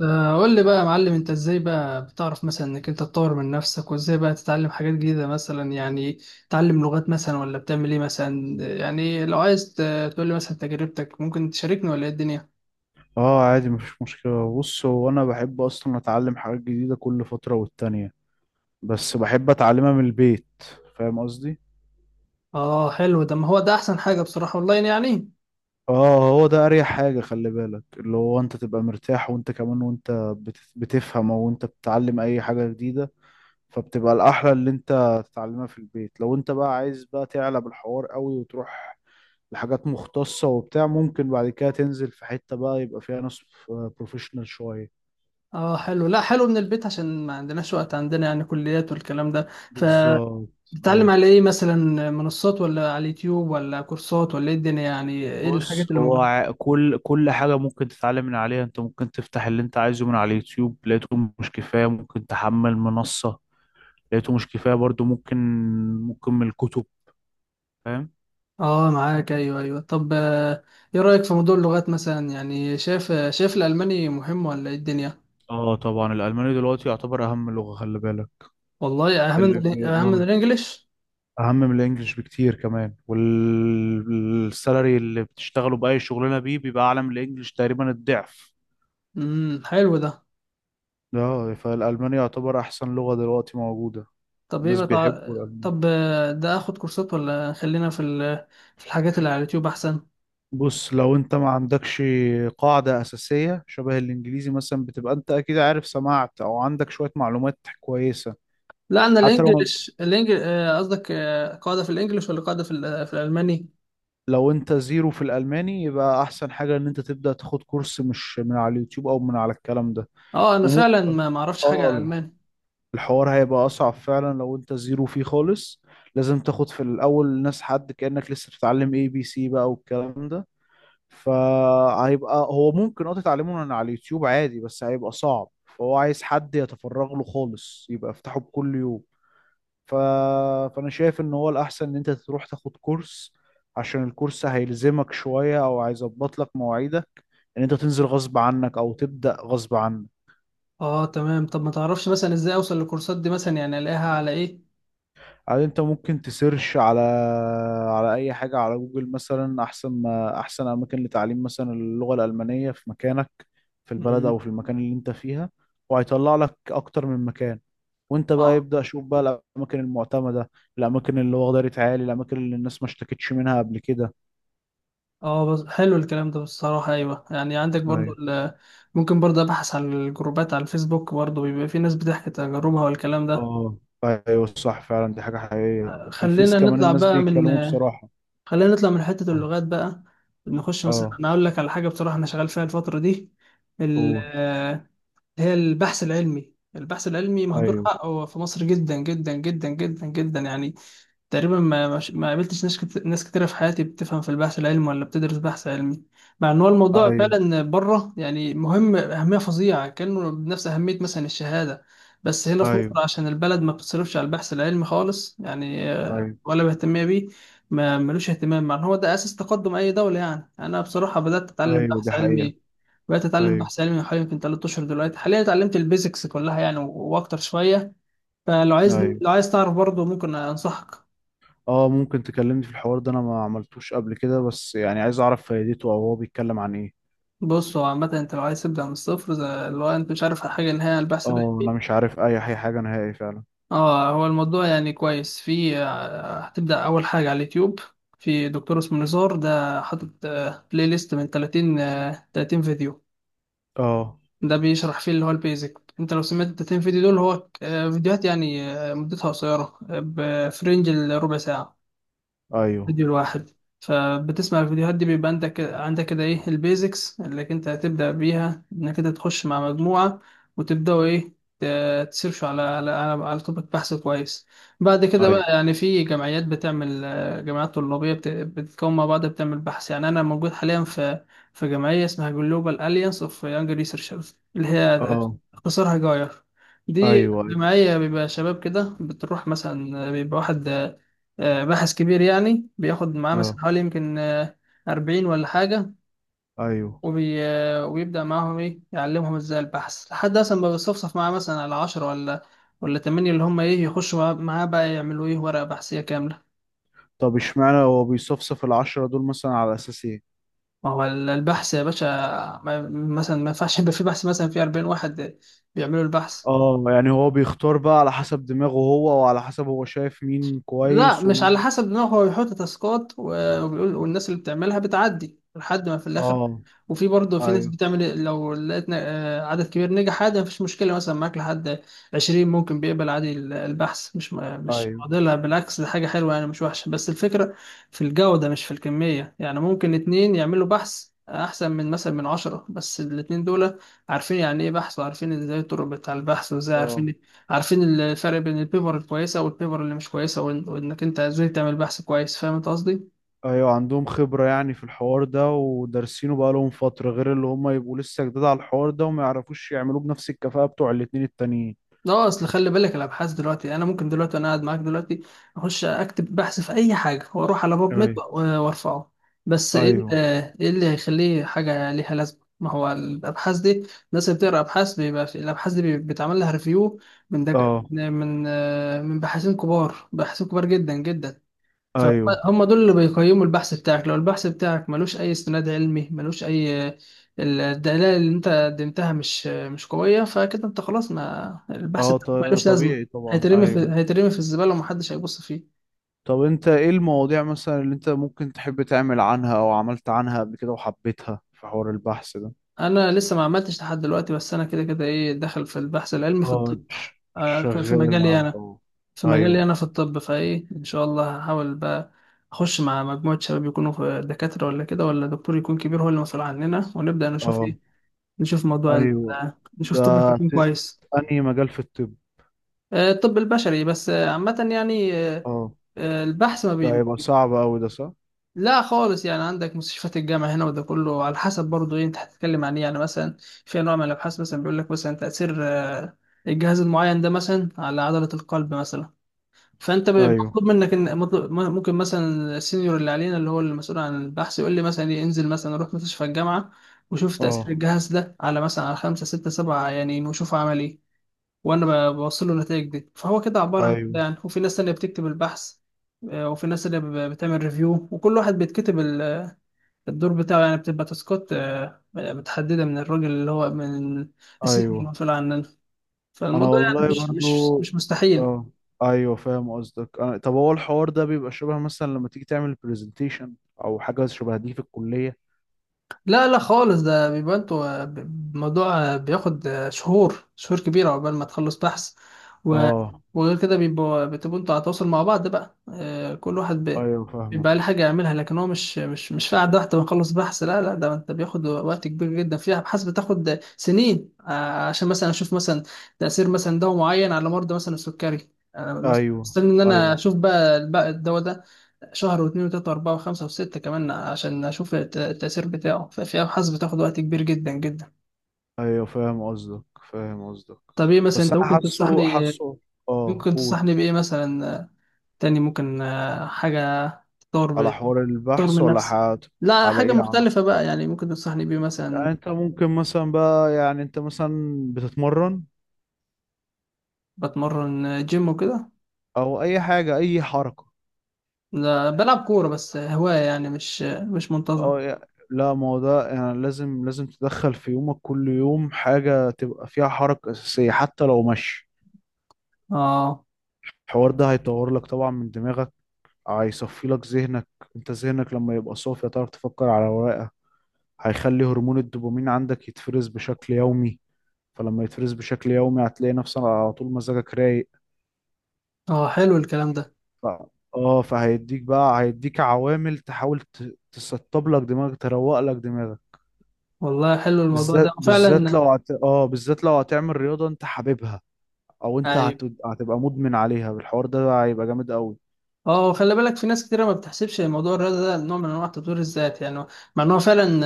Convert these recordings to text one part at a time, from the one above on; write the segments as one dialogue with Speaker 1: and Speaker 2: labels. Speaker 1: قول لي بقى يا معلم، انت ازاي بقى بتعرف مثلا انك انت تطور من نفسك، وازاي بقى تتعلم حاجات جديدة مثلا يعني؟ تتعلم لغات مثلا، ولا بتعمل ايه مثلا يعني؟ لو عايز تقول لي مثلا تجربتك، ممكن تشاركني ولا ايه الدنيا؟
Speaker 2: اه، عادي مفيش مشكلة. بص، هو انا بحب اصلا اتعلم حاجات جديدة كل فترة والتانية، بس بحب اتعلمها من البيت. فاهم قصدي؟
Speaker 1: اه حلو ده، ما هو ده احسن حاجة بصراحة، اونلاين يعني.
Speaker 2: اه، هو ده اريح حاجة. خلي بالك، اللي هو انت تبقى مرتاح، وانت كمان وانت بتفهم او انت بتتعلم اي حاجة جديدة، فبتبقى الاحلى اللي انت تتعلمها في البيت. لو انت بقى عايز بقى تعلى بالحوار قوي وتروح لحاجات مختصة وبتاع، ممكن بعد كده تنزل في حتة بقى يبقى فيها ناس بروفيشنال شوية.
Speaker 1: اه حلو، لا حلو من البيت عشان ما عندناش وقت، عندنا يعني كليات والكلام ده.
Speaker 2: بالظبط،
Speaker 1: فتتعلم
Speaker 2: ايوه.
Speaker 1: على ايه؟ مثلا منصات، ولا على اليوتيوب، ولا كورسات، ولا ايه الدنيا يعني؟ ايه
Speaker 2: بص،
Speaker 1: الحاجات اللي
Speaker 2: هو
Speaker 1: موجودة؟
Speaker 2: كل حاجة ممكن تتعلم من عليها. انت ممكن تفتح اللي انت عايزه من على اليوتيوب، لقيته مش كفاية ممكن تحمل منصة، لقيته مش كفاية برضو ممكن من الكتب. فاهم؟
Speaker 1: اه معاك، ايوه ايوه. طب ايه رأيك في موضوع اللغات مثلا يعني؟ شايف الألماني مهم، ولا ايه الدنيا؟
Speaker 2: اه طبعا، الألماني دلوقتي يعتبر أهم لغة، خلي بالك.
Speaker 1: والله اهم من
Speaker 2: اللي اه
Speaker 1: الانجليش
Speaker 2: أهم من الإنجليش بكتير كمان، والسالري اللي بتشتغله بأي شغلانة بيه بيبقى أعلى من الإنجليش تقريبا الضعف.
Speaker 1: حلو ده.
Speaker 2: اه، فالألماني يعتبر أحسن لغة دلوقتي موجودة.
Speaker 1: طب ايه
Speaker 2: الناس
Speaker 1: بتاع.
Speaker 2: بيحبوا.
Speaker 1: طب ده اخد كورسات، ولا خلينا في في الحاجات اللي على اليوتيوب احسن؟
Speaker 2: بص، لو انت ما عندكش قاعدة أساسية شبه الإنجليزي مثلا بتبقى انت أكيد عارف، سمعت أو عندك شوية معلومات كويسة.
Speaker 1: لا انا
Speaker 2: حتى لو
Speaker 1: الانجليش الانجليش. قصدك قاعدة في الانجليش، ولا قاعدة في في الألماني؟
Speaker 2: انت زيرو في الألماني، يبقى أحسن حاجة إن انت تبدأ تاخد كورس، مش من على اليوتيوب أو من على الكلام ده.
Speaker 1: اه انا
Speaker 2: وم...
Speaker 1: فعلا ما اعرفش حاجة عن
Speaker 2: اه،
Speaker 1: الألماني.
Speaker 2: الحوار هيبقى أصعب فعلا لو انت زيرو فيه خالص. لازم تاخد في الأول ناس، حد كأنك لسه بتتعلم اي بي سي بقى والكلام ده. فهيبقى هو ممكن تتعلمه من على اليوتيوب عادي، بس هيبقى صعب، فهو عايز حد يتفرغ له خالص، يبقى يفتحه بكل يوم. ف... فانا شايف ان هو الاحسن ان انت تروح تاخد كورس، عشان الكورس هيلزمك شوية او هيظبط لك مواعيدك ان انت تنزل غصب عنك او تبدأ غصب عنك.
Speaker 1: اه تمام. طب ما تعرفش مثلا ازاي اوصل للكورسات دي مثلا يعني؟ الاقيها على ايه؟
Speaker 2: يعني انت ممكن تسيرش على اي حاجة على جوجل مثلا، احسن، ما احسن اماكن لتعليم مثلا اللغة الألمانية في مكانك، في البلد او
Speaker 1: امم.
Speaker 2: في المكان اللي انت فيها، وهيطلع لك اكتر من مكان، وانت بقى
Speaker 1: اه.
Speaker 2: يبدأ شوف بقى الاماكن المعتمدة، الاماكن اللي واخدة عالي، الاماكن اللي الناس ما اشتكتش منها قبل كده.
Speaker 1: اه بس حلو الكلام ده بصراحة، ايوه. يعني عندك برضو
Speaker 2: ايوه.
Speaker 1: ال-. ممكن برضو ابحث عن الجروبات على الفيسبوك برضو، بيبقى في ناس بتحكي تجاربها والكلام ده.
Speaker 2: اه ايوه، صح فعلا، دي حاجة حقيقية. في الفيس
Speaker 1: خلينا
Speaker 2: كمان
Speaker 1: نطلع
Speaker 2: الناس
Speaker 1: بقى من
Speaker 2: بيتكلموا بصراحة.
Speaker 1: خلينا نطلع من حتة اللغات بقى. نخش مثلا،
Speaker 2: اه
Speaker 1: انا اقول لك على حاجة بصراحة انا شغال فيها الفترة دي. ال-
Speaker 2: قول.
Speaker 1: آه، اللي هي البحث العلمي. البحث العلمي مهدور
Speaker 2: ايوه،
Speaker 1: حقه في مصر جدا جدا جدا جدا جدا يعني. تقريبا ما قابلتش ناس كتيرة في حياتي بتفهم في البحث العلمي ولا بتدرس بحث علمي، مع ان هو الموضوع
Speaker 2: ايوه،
Speaker 1: فعلا بره يعني مهم اهمية فظيعة، كانه بنفس اهمية مثلا الشهادة. بس هنا في
Speaker 2: ايوه،
Speaker 1: مصر عشان البلد ما بتصرفش على البحث العلمي خالص، يعني
Speaker 2: ايوه،
Speaker 1: ولا مهتمية بيه. ما ملوش اهتمام، مع ان هو ده اساس تقدم اي دولة. يعني انا بصراحة بدأت اتعلم
Speaker 2: ايوه. دي
Speaker 1: بحث
Speaker 2: حقيقة.
Speaker 1: علمي.
Speaker 2: ايوه.
Speaker 1: من حوالي يمكن 3 اشهر. دلوقتي حاليا اتعلمت البيزكس كلها يعني واكتر شوية. فلو عايز
Speaker 2: ايوه.
Speaker 1: لو عايز تعرف برضه ممكن انصحك.
Speaker 2: اه، ممكن تكلمني في الحوار ده، انا ما عملتوش قبل كده، بس يعني عايز اعرف فايدته او هو بيتكلم عن ايه.
Speaker 1: بص هو عامة انت لو عايز تبدأ من الصفر، زي اللي هو انت مش عارف حاجة نهائي عن البحث
Speaker 2: اه انا
Speaker 1: العلمي.
Speaker 2: مش عارف اي حاجه نهائي فعلا.
Speaker 1: اه هو الموضوع يعني كويس. في آه، هتبدأ أول حاجة على اليوتيوب، في دكتور اسمه نزار ده حاطط بلاي ليست من 30 فيديو.
Speaker 2: اه
Speaker 1: ده بيشرح فيه اللي هو البيزك. انت لو سمعت ال 30 فيديو دول، هو فيديوهات يعني مدتها قصيرة، في رينج الربع ساعة
Speaker 2: ايوه،
Speaker 1: فيديو الواحد. فبتسمع الفيديوهات دي بيبقى عندك كده ايه البيزكس اللي انت هتبدأ بيها، انك انت تخش مع مجموعة وتبدأوا ايه؟ تسيرشوا على على توبيك بحث كويس. بعد كده بقى
Speaker 2: ايوه.
Speaker 1: يعني، في جمعيات بتعمل جمعيات طلابية بتتكون مع بعض بتعمل بحث. يعني انا موجود حاليا في جمعية اسمها Global Alliance of Young Researchers، اللي هي
Speaker 2: اه
Speaker 1: اختصارها جاير. دي
Speaker 2: ايوه، ايوه.
Speaker 1: جمعية بيبقى شباب كده بتروح، مثلا بيبقى واحد باحث كبير، يعني بياخد معاه مثلا
Speaker 2: اه
Speaker 1: حوالي يمكن 40 ولا حاجة،
Speaker 2: ايوه.
Speaker 1: وبيبدأ معاهم إيه، يعلمهم إزاي البحث، لحد أصلا ما بيصفصف معاه مثلا على 10 ولا تمانية، اللي هم إيه، يخشوا معاه بقى يعملوا إيه ورقة بحثية كاملة.
Speaker 2: طب اشمعنى هو بيصفصف العشرة دول مثلا على اساس ايه؟
Speaker 1: ما هو البحث يا باشا، ما... مثلا ما ينفعش يبقى في بحث مثلا في 40 واحد بيعملوا البحث.
Speaker 2: اه، يعني هو بيختار بقى على حسب دماغه هو، وعلى حسب هو شايف مين
Speaker 1: لا
Speaker 2: كويس
Speaker 1: مش على
Speaker 2: ومين.
Speaker 1: حسب، ان هو بيحط تاسكات وبيقول، والناس اللي بتعملها بتعدي لحد ما في الاخر.
Speaker 2: اه
Speaker 1: وفي برضه في ناس
Speaker 2: ايوه،
Speaker 1: بتعمل إيه، لو لقيت عدد كبير نجح عادي مفيش مشكله مثلا معاك لحد 20 ممكن بيقبل عادي. البحث مش مش
Speaker 2: ايوه.
Speaker 1: معضله، بالعكس دي حاجه حلوه يعني مش وحشه. بس الفكره في الجوده مش في الكميه يعني. ممكن اتنين يعملوا بحث احسن من مثلا من 10، بس الاتنين دول عارفين يعني ايه بحث، وعارفين ازاي الطرق بتاع البحث، وازاي
Speaker 2: اه
Speaker 1: عارفين عارفين الفرق بين البيبر الكويسة والبيبر اللي مش كويسة، وإنك أنت إزاي تعمل بحث كويس. فاهم أنت قصدي؟
Speaker 2: ايوه، عندهم خبرة يعني في الحوار ده ودارسينه بقى لهم فترة، غير اللي هم يبقوا لسه جداد على الحوار ده وما يعرفوش يعملوه بنفس الكفاءة بتوع الاتنين التانيين.
Speaker 1: لا أصل خلي بالك، الأبحاث دلوقتي أنا ممكن دلوقتي وأنا قاعد معاك دلوقتي أخش أكتب بحث في أي حاجة، وأروح على باب ميد
Speaker 2: ايوه،
Speaker 1: وأرفعه. بس إيه ال-،
Speaker 2: ايوه.
Speaker 1: إيه اللي هيخليه حاجة ليها لازمة؟ ما هو الأبحاث دي، الناس اللي بتقرأ أبحاث، بيبقى في الأبحاث دي بيتعمل لها ريفيو من دك...
Speaker 2: اه
Speaker 1: من آه، من باحثين كبار، باحثين كبار جدا جدا.
Speaker 2: ايوه.
Speaker 1: فهم دول اللي بيقيموا البحث بتاعك. لو البحث بتاعك ملوش اي استناد علمي، ملوش اي، الدلائل اللي انت قدمتها مش قويه، فكده انت خلاص، ما البحث
Speaker 2: اه
Speaker 1: بتاعك ملوش لازمه،
Speaker 2: طبيعي طبعا، ايوه.
Speaker 1: هيترمي في الزباله ومحدش هيبص فيه.
Speaker 2: طب انت ايه المواضيع مثلا اللي انت ممكن تحب تعمل عنها او عملت عنها قبل كده وحبيتها في حوار البحث ده؟
Speaker 1: انا لسه ما عملتش لحد دلوقتي، بس انا كده كده ايه داخل في البحث العلمي في
Speaker 2: اه،
Speaker 1: الطب، في
Speaker 2: شغال على
Speaker 1: مجالي انا،
Speaker 2: الحوار. ايوه.
Speaker 1: في الطب، فايه ان شاء الله هحاول بقى اخش مع مجموعه شباب يكونوا في دكاتره، ولا كده، ولا دكتور يكون كبير هو اللي مسؤول عننا، ونبدا نشوف
Speaker 2: اه
Speaker 1: ايه، نشوف موضوع ال-
Speaker 2: ايوه.
Speaker 1: نشوف توبيك
Speaker 2: ده
Speaker 1: يكون
Speaker 2: ت...
Speaker 1: كويس.
Speaker 2: انهي مجال في الطب؟
Speaker 1: الطب البشري، بس عامة يعني.
Speaker 2: اه،
Speaker 1: البحث ما بي.
Speaker 2: ده هيبقى صعب اوي ده، صح؟
Speaker 1: لا خالص، يعني عندك مستشفيات الجامعة هنا، وده كله على حسب برضه ايه انت هتتكلم عن ايه يعني. مثلا في انواع من الابحاث مثلا، بيقول لك مثلا تأثير الجهاز المعين ده مثلا على عضلة القلب مثلا. فانت
Speaker 2: ايوه.
Speaker 1: مطلوب منك ان ممكن مثلا السينيور اللي علينا اللي هو المسؤول عن البحث، يقول لي مثلا إيه، انزل مثلا روح مستشفى الجامعة وشوف تأثير
Speaker 2: اه
Speaker 1: الجهاز ده على مثلا على خمسة ستة سبعة يعني، وشوف عمل ايه، وانا بوصل له النتائج دي، فهو كده عباره عن كده
Speaker 2: ايوه.
Speaker 1: يعني. وفي ناس تانية بتكتب البحث، وفي ناس اللي بتعمل ريفيو، وكل واحد بيتكتب الدور بتاعه، يعني بتبقى تاسكات متحدده من الراجل اللي هو من السيزون
Speaker 2: ايوه.
Speaker 1: المسؤول عننا.
Speaker 2: انا
Speaker 1: فالموضوع يعني
Speaker 2: والله
Speaker 1: مش مش
Speaker 2: برضو،
Speaker 1: مش مستحيل.
Speaker 2: اه ايوه، فاهم قصدك. طب هو الحوار ده بيبقى شبه مثلا لما تيجي تعمل برزنتيشن او حاجه شبه دي في الكليه؟
Speaker 1: لا لا خالص، ده بيبقى انتوا ب-. الموضوع بياخد شهور، شهور كبيرة عقبال ما تخلص بحث، و...
Speaker 2: اه.
Speaker 1: وغير كده بتبقوا انتوا على تواصل مع بعض بقى، كل واحد
Speaker 2: ايوه، فاهمك.
Speaker 1: بيبقى له حاجة يعملها، لكن هو مش في قعدة واحدة بنخلص بحث. لا لا، ده انت بياخد وقت كبير جدا. في أبحاث بتاخد سنين عشان مثلا أشوف مثلا تأثير مثلا دواء معين على مرضى مثلا السكري. أنا
Speaker 2: ايوه.
Speaker 1: مستني إن أنا
Speaker 2: ايوه.
Speaker 1: أشوف بقى الدواء ده شهر، واثنين، وثلاثة، وأربعة، وخمسة، وستة كمان، عشان أشوف التأثير بتاعه. ففي أبحاث بتاخد وقت كبير جدا جدا.
Speaker 2: ايوه، فاهم قصدك. فاهم قصدك.
Speaker 1: طب إيه مثلا
Speaker 2: بس
Speaker 1: أنت
Speaker 2: انا
Speaker 1: ممكن تنصحني
Speaker 2: حاسه،
Speaker 1: إيه؟
Speaker 2: حاسه. اه
Speaker 1: ممكن
Speaker 2: قول.
Speaker 1: تنصحني بإيه مثلا تاني؟ ممكن حاجة تطور
Speaker 2: على حوار
Speaker 1: تطور
Speaker 2: البحث
Speaker 1: من
Speaker 2: ولا
Speaker 1: نفسي.
Speaker 2: حاجات؟
Speaker 1: لا
Speaker 2: على
Speaker 1: حاجة
Speaker 2: ايه يعني؟
Speaker 1: مختلفة بقى يعني، ممكن تنصحني بإيه
Speaker 2: يعني
Speaker 1: مثلا؟
Speaker 2: انت ممكن مثلا بقى، يعني انت مثلا بتتمرن
Speaker 1: بتمرن جيم وكده.
Speaker 2: او اي حاجه، اي حركه.
Speaker 1: لا بلعب كورة بس هواية يعني، مش مش منتظم.
Speaker 2: اه لا، ما هو ده يعني. لازم تدخل في يومك كل يوم حاجة تبقى فيها حركة أساسية، حتى لو مشي.
Speaker 1: اه.
Speaker 2: الحوار ده هيطور لك طبعا من دماغك، هيصفي لك ذهنك. انت ذهنك لما يبقى صافي هتعرف تفكر على ورقة. هيخلي هرمون الدوبامين عندك يتفرز بشكل يومي، فلما يتفرز بشكل يومي هتلاقي نفسك على طول مزاجك رايق.
Speaker 1: اه حلو الكلام ده.
Speaker 2: ف... اه، فهيديك بقى، هيديك عوامل تحاول تسطب لك دماغك، تروق لك دماغك.
Speaker 1: والله حلو الموضوع ده
Speaker 2: بالذات، بالذات
Speaker 1: فعلا.
Speaker 2: لو هت... اه بالذات لو هتعمل رياضة انت حاببها، او انت
Speaker 1: ايوه.
Speaker 2: هتبقى مدمن عليها، بالحوار ده هيبقى جامد قوي.
Speaker 1: اه خلي بالك، في ناس كتيرة ما بتحسبش موضوع الرياضة ده نوع من انواع تطوير الذات يعني، مع ان هو فعلا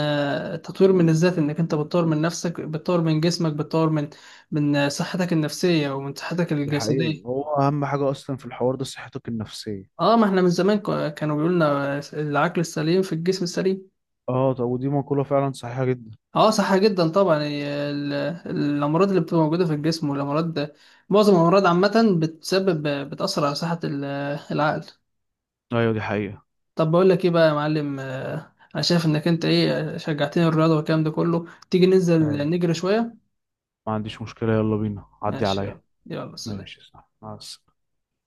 Speaker 1: تطوير من الذات، انك انت بتطور من نفسك، بتطور من جسمك، بتطور من صحتك النفسية ومن صحتك
Speaker 2: دي حقيقة.
Speaker 1: الجسدية.
Speaker 2: هو اهم حاجة اصلا في الحوار ده صحتك النفسية.
Speaker 1: اه ما احنا من زمان كانوا بيقولوا لنا: العقل السليم في الجسم السليم.
Speaker 2: اه. طب ودي مقولة فعلا صحيحة جدا.
Speaker 1: اه صح جدا طبعا. هي الامراض اللي بتبقى موجودة في الجسم، معظم الامراض عامة بتأثر على صحة العقل.
Speaker 2: ايوه دي حقيقة.
Speaker 1: طب بقول لك ايه بقى يا معلم، انا شايف انك انت ايه شجعتني، الرياضه والكلام ده كله، تيجي ننزل
Speaker 2: ايوه،
Speaker 1: نجري شويه؟
Speaker 2: ما عنديش مشكلة، يلا بينا، عدي
Speaker 1: ماشي
Speaker 2: عليا.
Speaker 1: يلا. يلا سلام.
Speaker 2: ماشي، صح، مع السلامة.